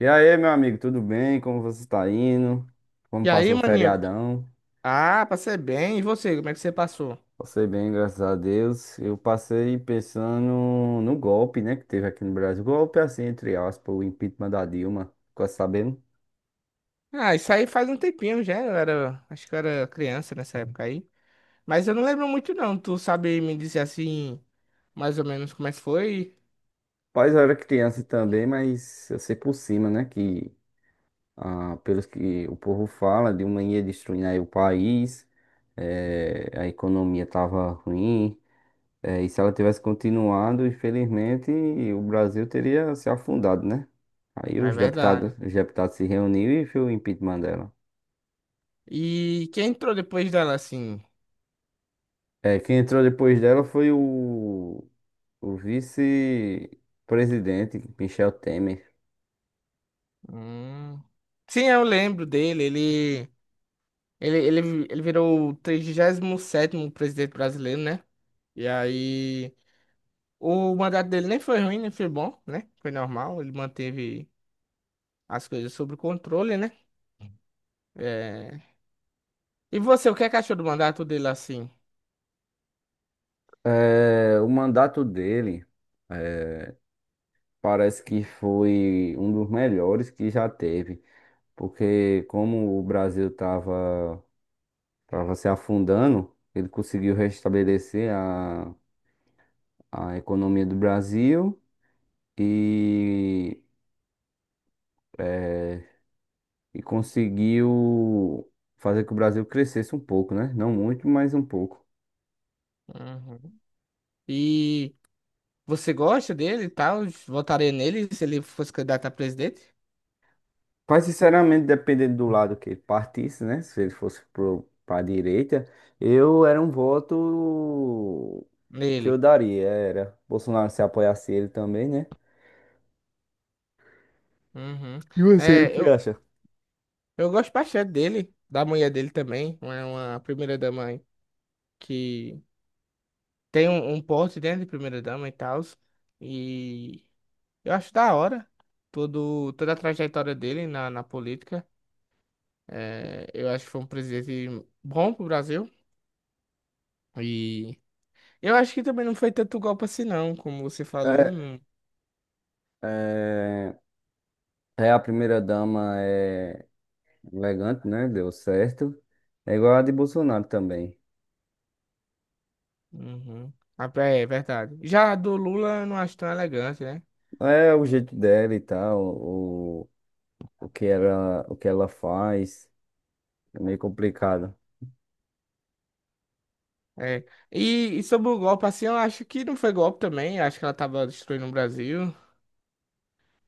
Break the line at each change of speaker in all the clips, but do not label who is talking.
E aí, meu amigo, tudo bem? Como você está indo? Como
E aí,
passou o
maninho?
feriadão?
Ah, passei bem. E você, como é que você passou?
Passei bem, graças a Deus. Eu passei pensando no golpe, né, que teve aqui no Brasil. Golpe, assim, entre aspas, o impeachment da Dilma. Ficou sabendo?
Ah, isso aí faz um tempinho já. Acho que eu era criança nessa época aí. Mas eu não lembro muito não. Tu sabe me dizer assim, mais ou menos como é que foi?
Mas eu era criança também, mas eu sei por cima, né, que pelos que o povo fala, Dilma ia destruindo aí o país, a economia tava ruim. É, e se ela tivesse continuado, infelizmente, o Brasil teria se afundado, né? Aí
É
os deputados,
verdade.
os deputados se reuniram e fez o impeachment dela.
E quem entrou depois dela assim?
É, quem entrou depois dela foi o vice-presidente, Michel Temer.
Hum. Sim, eu lembro dele. Ele virou o 37º presidente brasileiro, né? E aí, o mandato dele nem foi ruim, nem foi bom, né? Foi normal. Ele manteve as coisas sob o controle, né? É. E você, o que é que achou do mandato dele assim?
É, o mandato dele é, parece que foi um dos melhores que já teve, porque como o Brasil estava se afundando, ele conseguiu restabelecer a economia do Brasil e, eh, e conseguiu fazer que o Brasil crescesse um pouco, né? Não muito, mas um pouco.
Uhum. E você gosta dele e tal? Votaria nele se ele fosse candidato a presidente?
Mas, sinceramente, dependendo do lado que ele partisse, né? Se ele fosse para a direita, eu era um voto que eu
Nele.
daria. Era Bolsonaro se apoiasse ele também, né?
Uhum.
E você, o
É,
que
eu,
acha?
eu gosto bastante dele, da mulher dele também, é uma primeira-dama aí, que tem um porte dentro de primeira-dama e tal. E eu acho da hora toda a trajetória dele na política. É, eu acho que foi um presidente bom pro Brasil. E eu acho que também não foi tanto golpe assim, não, como você falou.
É,
Não.
é, a primeira dama é elegante, né? Deu certo. É igual a de Bolsonaro também.
Uhum. Ah, é é verdade. Já a do Lula eu não acho tão elegante, né?
É o jeito dela e tal, o que ela faz, é meio complicado.
É. E, e sobre o golpe, assim, eu acho que não foi golpe também. Eu acho que ela tava destruindo o Brasil.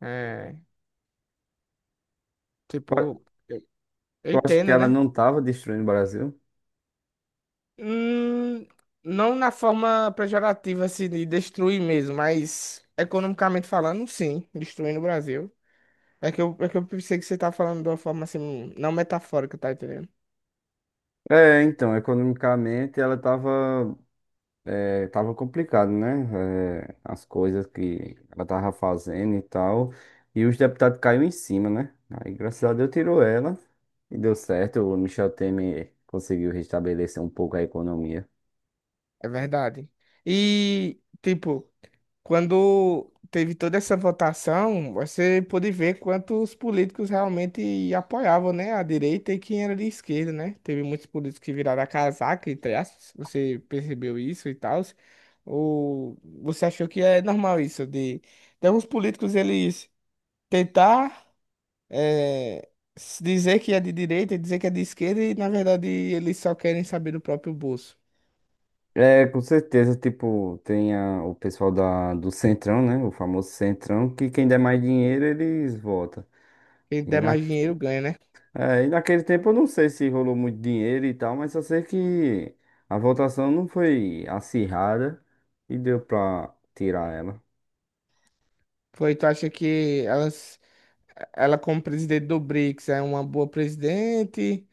É,
Eu
tipo, eu
eu acho que
entendo,
ela
né?
não tava destruindo o Brasil.
Hum, não na forma pejorativa, assim, de destruir mesmo, mas economicamente falando, sim, destruindo o Brasil. É que eu pensei que você tá falando de uma forma assim, não metafórica, tá entendendo?
É, então, economicamente ela tava, é, tava complicado, né? É, as coisas que ela tava fazendo e tal. E os deputados caíram em cima, né? Aí, graças a Deus, tirou ela e deu certo. O Michel Temer conseguiu restabelecer um pouco a economia.
É verdade. E, tipo, quando teve toda essa votação, você pôde ver quantos políticos realmente apoiavam, né, a direita e quem era de esquerda, né? Teve muitos políticos que viraram a casaca, entre aspas. Você percebeu isso e tal? Ou você achou que é normal isso de alguns políticos eles tentar eh, se dizer que é de direita e dizer que é de esquerda e, na verdade, eles só querem saber do próprio bolso.
É, com certeza, tipo, tem a- o pessoal da, do Centrão, né? O famoso Centrão, que quem der mais dinheiro, eles votam.
Quem
E,
der
na,
mais dinheiro ganha, né?
é, e naquele tempo eu não sei se rolou muito dinheiro e tal, mas só sei que a votação não foi acirrada e deu pra tirar ela.
Foi, tu acha que elas, ela como presidente do BRICS é uma boa presidente?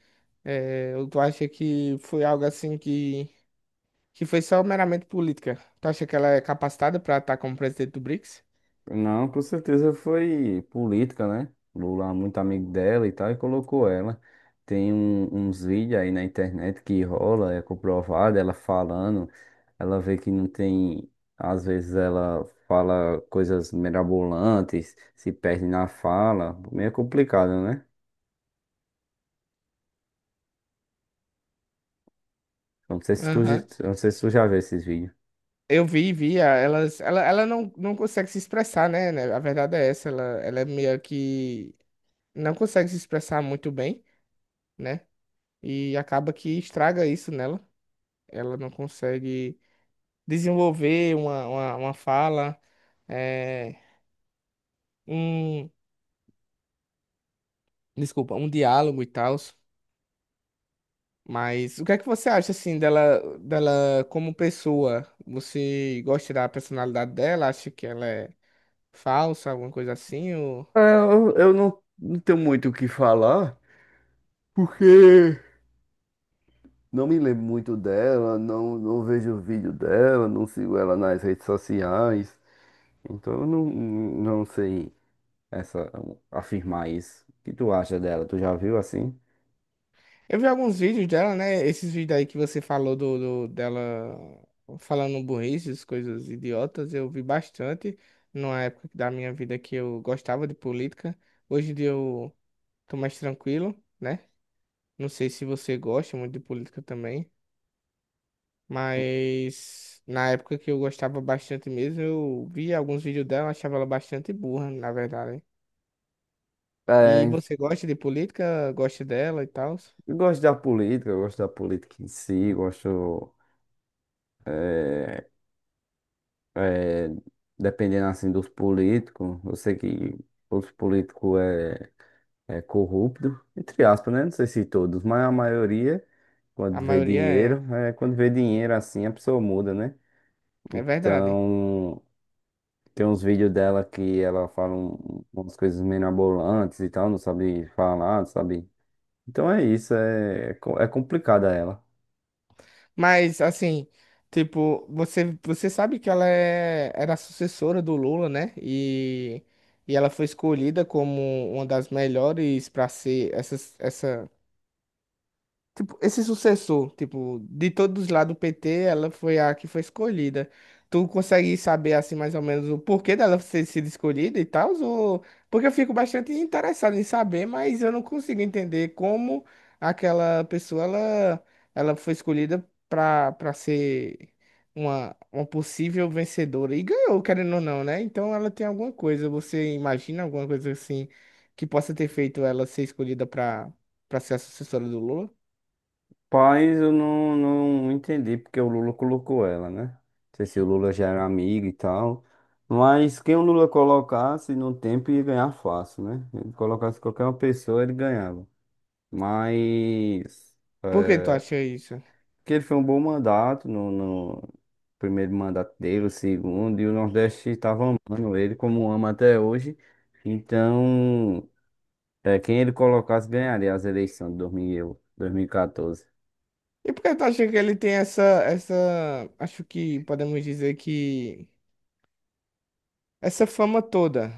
É, ou tu acha que foi algo assim que foi só meramente política? Tu acha que ela é capacitada para estar como presidente do BRICS?
Não, com certeza foi política, né? Lula é muito amigo dela e tal, e colocou ela. Tem um- uns vídeos aí na internet que rola, é comprovado, ela falando, ela vê que não tem. Às vezes ela fala coisas mirabolantes, se perde na fala, meio complicado, né? Eu não sei se tu, j-
Aham.
eu não sei se tu já viu esses vídeos.
Eu vi, ela não, não consegue se expressar, né? A verdade é essa, ela é meio que não consegue se expressar muito bem, né? E acaba que estraga isso nela. Ela não consegue desenvolver uma fala, é, um, desculpa, um diálogo e tal. Mas o que é que você acha assim dela, dela como pessoa? Você gosta da personalidade dela? Acha que ela é falsa, alguma coisa assim? Ou.
Eu não, não tenho muito o que falar, porque. Não me lembro muito dela, não, não vejo o vídeo dela, não sigo ela nas redes sociais. Então eu não, não sei essa, afirmar isso. O que tu acha dela? Tu já viu assim?
Eu vi alguns vídeos dela, né? Esses vídeos aí que você falou dela falando burrices, coisas idiotas, eu vi bastante numa época da minha vida que eu gostava de política. Hoje em dia eu tô mais tranquilo. Né? Não sei se você gosta muito de política também, mas na época que eu gostava bastante mesmo, eu via alguns vídeos dela, eu achava ela bastante burra, na verdade. E
É,
você gosta de política, gosta dela e tal?
eu gosto da política, eu gosto da política em si, gosto, é, é, dependendo assim dos políticos, eu sei que os políticos é, é corrupto, entre aspas, né? Não sei se todos, mas a maioria,
A
quando vê
maioria é,
dinheiro, é, quando vê dinheiro assim, a pessoa muda, né?
é verdade.
Então, tem uns vídeos dela que ela fala um- umas coisas meio mirabolantes e tal, não sabe falar, não sabe? Então é isso, é, é, co- é complicada ela.
Mas assim, tipo, você sabe que ela era a sucessora do Lula, né? E ela foi escolhida como uma das melhores para ser essa tipo, esse sucessor, tipo, de todos lá do PT, ela foi a que foi escolhida. Tu consegue saber, assim, mais ou menos o porquê dela ter sido escolhida e tal? Ou. Porque eu fico bastante interessado em saber, mas eu não consigo entender como aquela pessoa, ela foi escolhida pra ser uma possível vencedora. E ganhou, querendo ou não, né? Então ela tem alguma coisa, você imagina alguma coisa, assim, que possa ter feito ela ser escolhida pra, pra ser a sucessora do Lula?
Paz, eu não, não entendi porque o Lula colocou ela, né? Não sei se o Lula já era amigo e tal. Mas quem o Lula colocasse no tempo ia ganhar fácil, né? Ele colocasse qualquer uma pessoa, ele ganhava. Mas.
Por que tu acha isso?
Que ele foi um bom mandato no primeiro mandato dele, o segundo, e o Nordeste estava amando ele como ama até hoje. Então, é, quem ele colocasse ganharia as eleições de dois mil e eu- 2014.
E por que tu acha que ele tem essa, acho que podemos dizer que essa fama toda?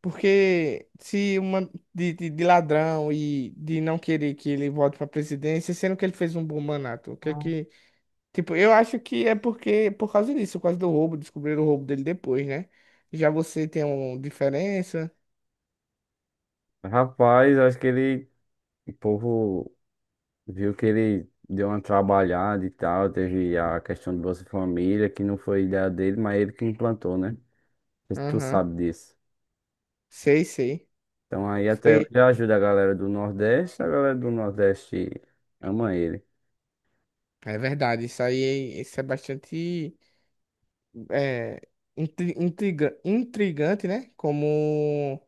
Porque se uma de ladrão e de não querer que ele volte para presidência, sendo que ele fez um bom mandato, o que é que, tipo, eu acho que é porque por causa disso, por causa do roubo, descobriram o roubo dele depois, né? Já você tem uma diferença?
Rapaz, acho que ele, o povo viu que ele deu uma trabalhada e tal, teve a questão do Bolsa Família, que não foi ideia dele, mas ele que implantou, né? Não sei se tu
Aham.
sabe disso.
Sei, sei.
Então aí até
Foi,
hoje ajuda a galera do Nordeste, a galera do Nordeste ama ele.
é verdade, isso aí, isso é bastante é, intriga, intrigante, né? Como,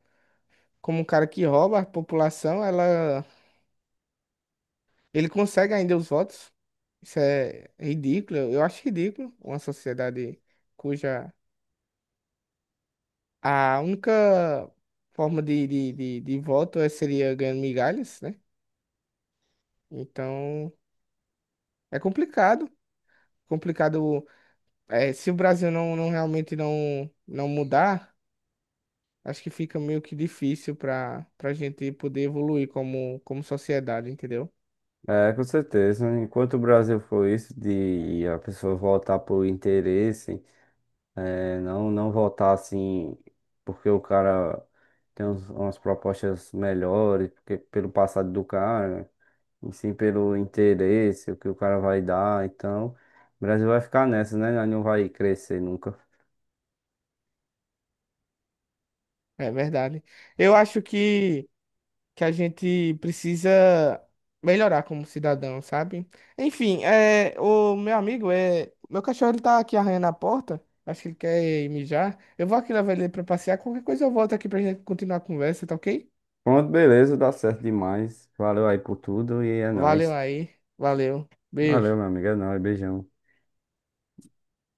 como um cara que rouba a população, ele consegue ainda os votos. Isso é ridículo, eu acho ridículo uma sociedade cuja a única forma de voto é- seria ganhando migalhas, né? Então é complicado. Complicado, é, se o Brasil não realmente não mudar. Acho que fica meio que difícil para para gente poder evoluir como, como sociedade, entendeu?
É, com certeza. Enquanto o Brasil for isso, de a pessoa voltar por interesse, é, não, não voltar assim, porque o cara tem uns- umas propostas melhores, porque pelo passado do cara, e sim pelo interesse, o que o cara vai dar. Então, o Brasil vai ficar nessa, né? Nós não vai crescer nunca.
É verdade. Eu acho que a gente precisa melhorar como cidadão, sabe? Enfim, é, o meu amigo, é, meu cachorro ele tá aqui arranhando a porta. Acho que ele quer ir mijar. Eu vou aqui levar ele pra passear. Qualquer coisa eu volto aqui pra gente continuar a conversa, tá ok?
Pronto, beleza, dá certo demais. Valeu aí por tudo e é
Valeu
nóis.
aí. Valeu.
Valeu,
Beijo.
meu amigo, é nóis, beijão.